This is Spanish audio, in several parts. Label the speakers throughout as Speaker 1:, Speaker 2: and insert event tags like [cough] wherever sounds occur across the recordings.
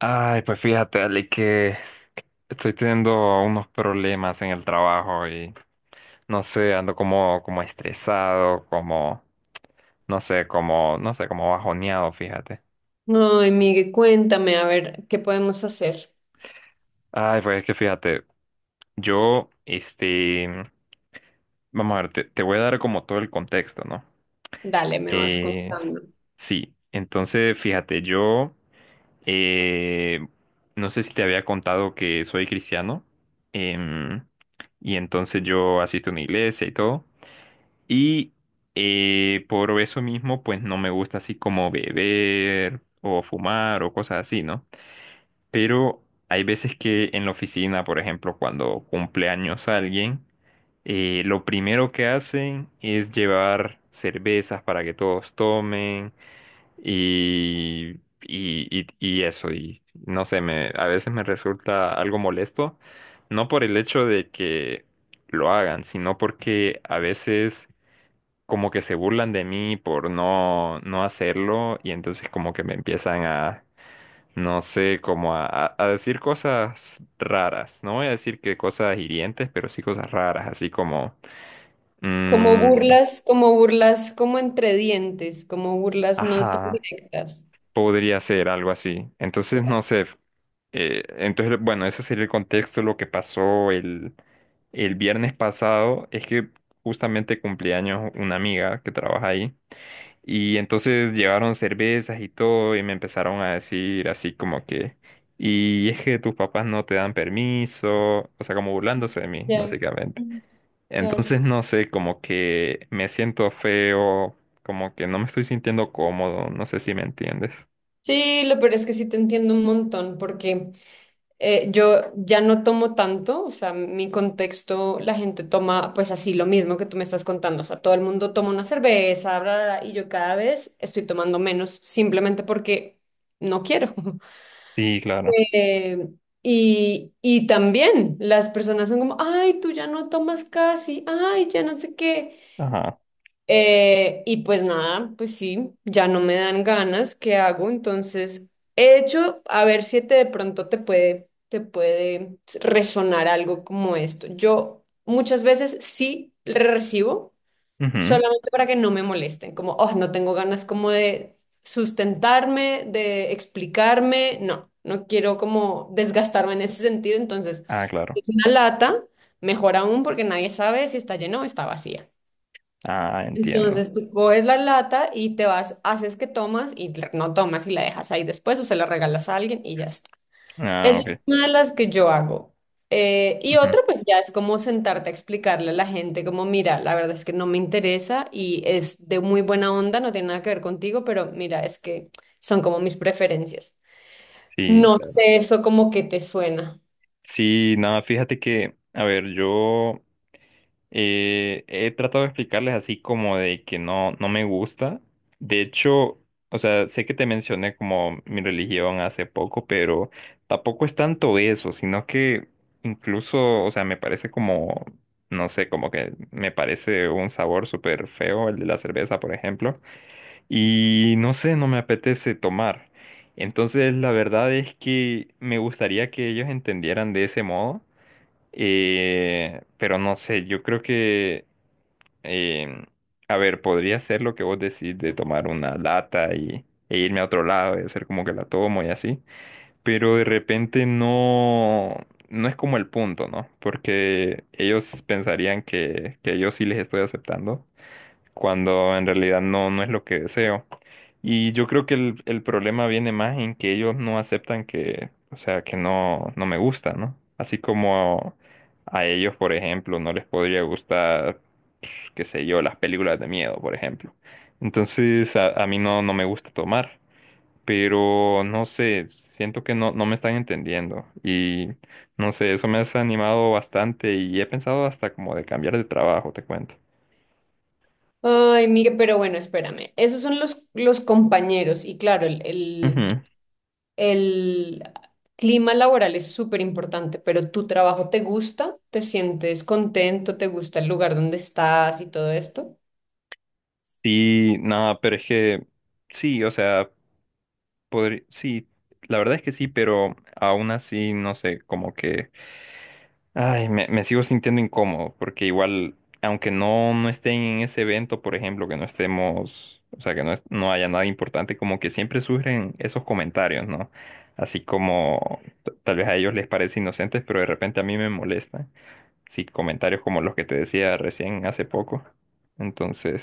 Speaker 1: Ay, pues fíjate, Ale, que estoy teniendo unos problemas en el trabajo y no sé, ando como estresado, como, no sé, como, no sé, como bajoneado, fíjate.
Speaker 2: Ay, Miguel, cuéntame, a ver, ¿qué podemos hacer?
Speaker 1: Ay, pues es que fíjate, yo, este, vamos a ver, te voy a dar como todo el contexto, ¿no?
Speaker 2: Dale, me vas
Speaker 1: Eh,
Speaker 2: contando.
Speaker 1: sí, entonces fíjate, yo Eh, no sé si te había contado que soy cristiano. em, y entonces yo asisto a una iglesia y todo. Y por eso mismo, pues no me gusta así como beber o fumar o cosas así, ¿no? Pero hay veces que en la oficina, por ejemplo, cuando cumple años alguien, lo primero que hacen es llevar cervezas para que todos tomen y, y eso, y no sé, a veces me resulta algo molesto, no por el hecho de que lo hagan, sino porque a veces como que se burlan de mí por no, no hacerlo y entonces como que me empiezan a, no sé, como a decir cosas raras, no voy a decir que cosas hirientes, pero sí cosas raras, así como, sí.
Speaker 2: Como
Speaker 1: Mm,
Speaker 2: burlas, como burlas, como entre dientes, como burlas no tan
Speaker 1: ajá,
Speaker 2: directas.
Speaker 1: podría ser algo así, entonces
Speaker 2: Ya,
Speaker 1: no sé. Entonces, bueno, ese sería el contexto. Lo que pasó el viernes pasado es que justamente cumpleaños una amiga que trabaja ahí. Y entonces llevaron cervezas y todo y me empezaron a decir así como que, y es que tus papás no te dan permiso, o sea, como burlándose de mí,
Speaker 2: ya.
Speaker 1: básicamente.
Speaker 2: Mm, claro.
Speaker 1: Entonces, no sé, como que me siento feo, como que no me estoy sintiendo cómodo, no sé si me entiendes.
Speaker 2: Sí, lo peor es que sí te entiendo un montón, porque yo ya no tomo tanto, o sea, mi contexto, la gente toma pues así lo mismo que tú me estás contando, o sea, todo el mundo toma una cerveza, bla, bla, bla, y yo cada vez estoy tomando menos, simplemente porque no quiero. [laughs]
Speaker 1: Sí, claro.
Speaker 2: Eh, y también las personas son como, ay, tú ya no tomas casi, ay, ya no sé qué.
Speaker 1: Ajá.
Speaker 2: Y pues nada, pues sí, ya no me dan ganas, ¿qué hago? Entonces, he hecho, a ver si te, de pronto te puede resonar algo como esto. Yo muchas veces sí recibo
Speaker 1: Ujú.
Speaker 2: solamente para que no me molesten, como, oh, no tengo ganas como de sustentarme, de explicarme, no, no quiero como desgastarme en ese sentido, entonces
Speaker 1: Ah, claro.
Speaker 2: una lata, mejor aún porque nadie sabe si está llena o está vacía.
Speaker 1: Ah, entiendo.
Speaker 2: Entonces tú coges la lata y te vas, haces que tomas y no tomas y la dejas ahí después o se la regalas a alguien y ya está.
Speaker 1: Ah,
Speaker 2: Esa es
Speaker 1: ok.
Speaker 2: una de las que yo hago. Y
Speaker 1: Ujú.
Speaker 2: otra, pues ya es como sentarte a explicarle a la gente, como, mira, la verdad es que no me interesa y es de muy buena onda, no tiene nada que ver contigo, pero mira, es que son como mis preferencias.
Speaker 1: Sí,
Speaker 2: No
Speaker 1: claro.
Speaker 2: sé eso como que te suena.
Speaker 1: Sí, nada, fíjate que, a ver, yo he tratado de explicarles así como de que no, no me gusta. De hecho, o sea, sé que te mencioné como mi religión hace poco, pero tampoco es tanto eso, sino que incluso, o sea, me parece como, no sé, como que me parece un sabor súper feo el de la cerveza, por ejemplo. Y no sé, no me apetece tomar. Entonces, la verdad es que me gustaría que ellos entendieran de ese modo, pero no sé, yo creo que, eh, a ver, podría ser lo que vos decís de tomar una lata y, e irme a otro lado y hacer como que la tomo y así, pero de repente no, no es como el punto, ¿no? Porque ellos pensarían que yo sí les estoy aceptando, cuando en realidad no, no es lo que deseo. Y yo creo que el problema viene más en que ellos no aceptan que, o sea, que no, no me gusta, ¿no? Así como a ellos, por ejemplo, no les podría gustar, pues, qué sé yo, las películas de miedo, por ejemplo. Entonces, a mí no, no me gusta tomar, pero no sé, siento que no, no me están entendiendo y no sé, eso me ha desanimado bastante y he pensado hasta como de cambiar de trabajo, te cuento.
Speaker 2: Ay, Miguel, pero bueno, espérame. Esos son los compañeros y claro,
Speaker 1: Ujú.
Speaker 2: el clima laboral es súper importante, pero tu trabajo te gusta, te sientes contento, te gusta el lugar donde estás y todo esto.
Speaker 1: Sí, nada, pero es que sí, o sea. Podría, sí, la verdad es que sí, pero aún así, no sé, como que, ay, me sigo sintiendo incómodo, porque igual, aunque no, no estén en ese evento, por ejemplo, que no estemos, o sea, que no, no haya nada importante, como que siempre surgen esos comentarios, ¿no? Así como tal vez a ellos les parece inocentes, pero de repente a mí me molestan. Sí, comentarios como los que te decía recién hace poco. Entonces,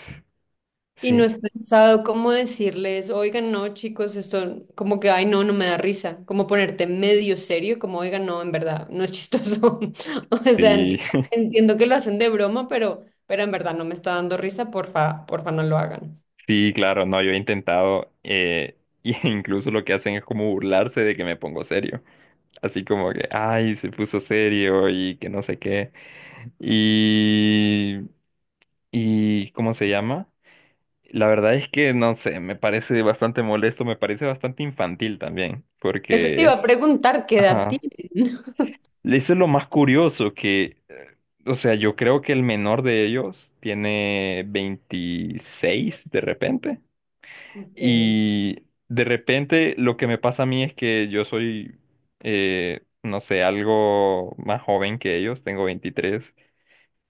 Speaker 2: Y no
Speaker 1: sí,
Speaker 2: es pensado cómo decirles, oigan, no, chicos, esto como que, ay, no, no me da risa, como ponerte medio serio, como, oigan, no, en verdad, no es chistoso. [laughs] O sea,
Speaker 1: sí,
Speaker 2: entiendo, entiendo que lo hacen de broma, pero en verdad no me está dando risa, porfa, porfa, no lo hagan.
Speaker 1: sí, claro, no, yo he intentado, [laughs] y incluso lo que hacen es como burlarse de que me pongo serio. Así como que, ay, se puso serio y que no sé qué. Y, y, ¿cómo se llama? La verdad es que, no sé, me parece bastante molesto, me parece bastante infantil también,
Speaker 2: Eso te iba
Speaker 1: porque,
Speaker 2: a preguntar, ¿qué edad
Speaker 1: ajá,
Speaker 2: tienen? [laughs]
Speaker 1: eso es lo más curioso que, o sea, yo creo que el menor de ellos tiene 26 de repente.
Speaker 2: Ok,
Speaker 1: Y de repente lo que me pasa a mí es que yo soy, no sé, algo más joven que ellos, tengo veintitrés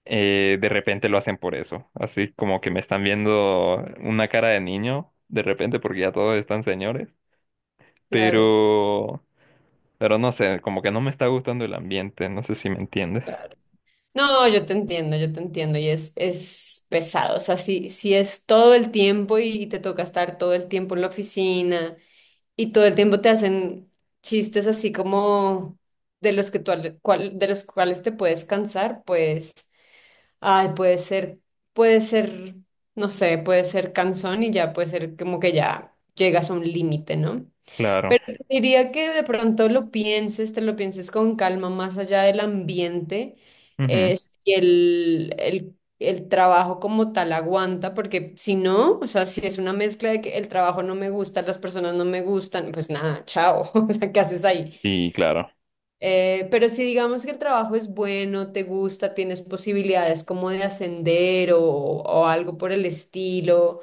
Speaker 1: eh, de repente lo hacen por eso, así como que me están viendo una cara de niño, de repente porque ya todos están señores,
Speaker 2: claro,
Speaker 1: pero, pero no sé, como que no me está gustando el ambiente, no sé si me entiendes.
Speaker 2: claro. No, yo te entiendo, y es pesado, o sea, si, si es todo el tiempo y te toca estar todo el tiempo en la oficina. Y todo el tiempo te hacen chistes así como de los que de los cuales te puedes cansar, pues, ay, puede ser, no sé, puede ser cansón y ya puede ser como que ya llegas a un límite, ¿no?
Speaker 1: Claro.
Speaker 2: Pero te diría que de pronto lo pienses, te lo pienses con calma, más allá del ambiente,
Speaker 1: Ujú.
Speaker 2: si el trabajo como tal aguanta, porque si no, o sea, si es una mezcla de que el trabajo no me gusta, las personas no me gustan, pues nada, chao, [laughs] o sea, ¿qué haces ahí?
Speaker 1: Sí, claro.
Speaker 2: Pero si digamos que el trabajo es bueno, te gusta, tienes posibilidades como de ascender o algo por el estilo,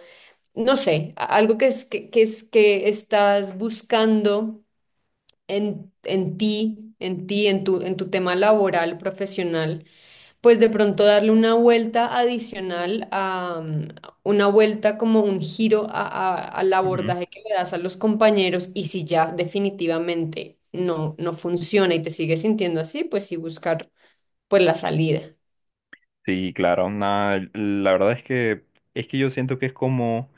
Speaker 2: no sé, algo que es que estás buscando en ti, en tu tema laboral, profesional, pues de pronto darle una vuelta adicional a una vuelta como un giro al abordaje que le das a los compañeros y si ya definitivamente no, no funciona y te sigues sintiendo así, pues sí buscar pues la salida.
Speaker 1: Sí, claro, nada, la verdad es que yo siento que es como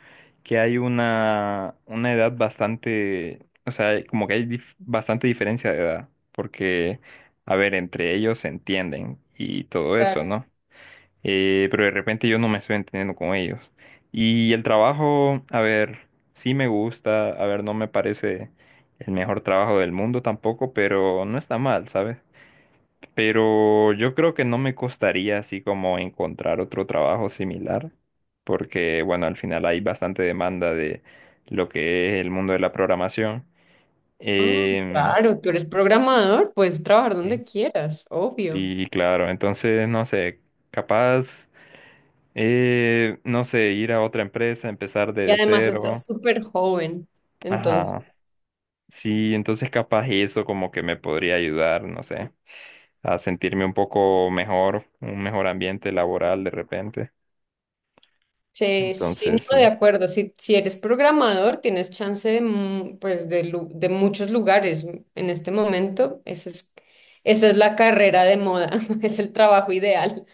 Speaker 1: que hay una edad bastante, o sea, como que hay bastante diferencia de edad, porque, a ver, entre ellos se entienden y todo eso,
Speaker 2: Claro.
Speaker 1: ¿no? Pero de repente yo no me estoy entendiendo con ellos. Y el trabajo, a ver, sí me gusta, a ver, no me parece el mejor trabajo del mundo tampoco, pero no está mal, ¿sabes? Pero yo creo que no me costaría así como encontrar otro trabajo similar, porque bueno, al final hay bastante demanda de lo que es el mundo de la programación.
Speaker 2: Ah,
Speaker 1: Em,
Speaker 2: claro, tú eres programador, puedes trabajar
Speaker 1: sí,
Speaker 2: donde quieras, obvio.
Speaker 1: sí, claro, entonces no sé, capaz, no sé, ir a otra empresa, empezar
Speaker 2: Y
Speaker 1: de
Speaker 2: además estás
Speaker 1: cero.
Speaker 2: súper joven, entonces.
Speaker 1: Ajá, sí, entonces capaz eso como que me podría ayudar, no sé, a sentirme un poco mejor, un mejor ambiente laboral de repente.
Speaker 2: Sí, sí, sí,
Speaker 1: Entonces, sí.
Speaker 2: no, de acuerdo. Si, si eres programador, tienes chance de, pues de, de muchos lugares. En este momento, esa es la carrera de moda, [laughs] es el trabajo ideal.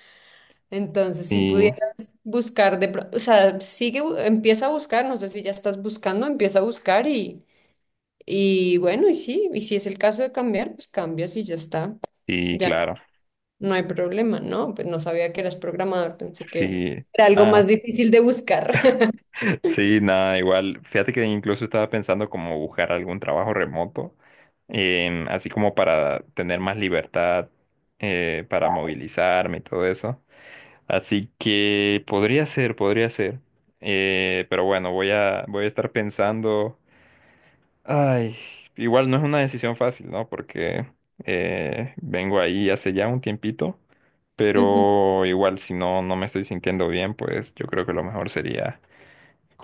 Speaker 2: Entonces, si
Speaker 1: Sí,
Speaker 2: pudieras buscar, o sea, sigue, empieza a buscar, no sé si ya estás buscando, empieza a buscar y bueno, y sí, y si es el caso de cambiar, pues cambias y ya está.
Speaker 1: sí,
Speaker 2: Ya
Speaker 1: claro,
Speaker 2: no, no hay problema, ¿no? Pues no sabía que eras programador, pensé que
Speaker 1: sí,
Speaker 2: era algo más
Speaker 1: ah,
Speaker 2: difícil de buscar. [laughs]
Speaker 1: [laughs] sí, nada, igual, fíjate que incluso estaba pensando como buscar algún trabajo remoto, así como para tener más libertad, para movilizarme y todo eso, así que podría ser, pero bueno, voy a estar pensando. Ay, igual no es una decisión fácil, ¿no? Porque vengo ahí hace ya un tiempito,
Speaker 2: Ujú.
Speaker 1: pero igual si no, no me estoy sintiendo bien, pues yo creo que lo mejor sería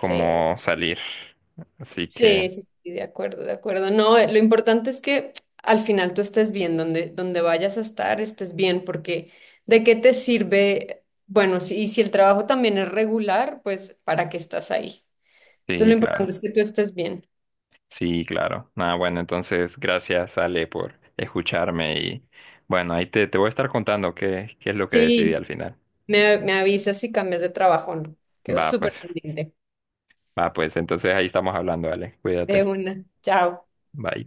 Speaker 2: Sí,
Speaker 1: salir. Así que,
Speaker 2: sí, sí, sí, de acuerdo, de acuerdo. No, lo importante es que al final tú estés bien, donde, donde vayas a estar, estés bien, porque ¿de qué te sirve? Bueno, si, y si el trabajo también es regular, pues ¿para qué estás ahí? Entonces lo
Speaker 1: sí, claro,
Speaker 2: importante es que tú estés bien.
Speaker 1: sí, claro. Nada, bueno, entonces gracias, Ale, por escucharme y bueno, ahí te voy a estar contando qué es lo que decidí
Speaker 2: Sí,
Speaker 1: al final.
Speaker 2: me avisas si cambias de trabajo o no. Quedo
Speaker 1: Va, pues,
Speaker 2: súper pendiente.
Speaker 1: va, pues, entonces ahí estamos hablando, Ale,
Speaker 2: De
Speaker 1: cuídate.
Speaker 2: una. Chao.
Speaker 1: Bye.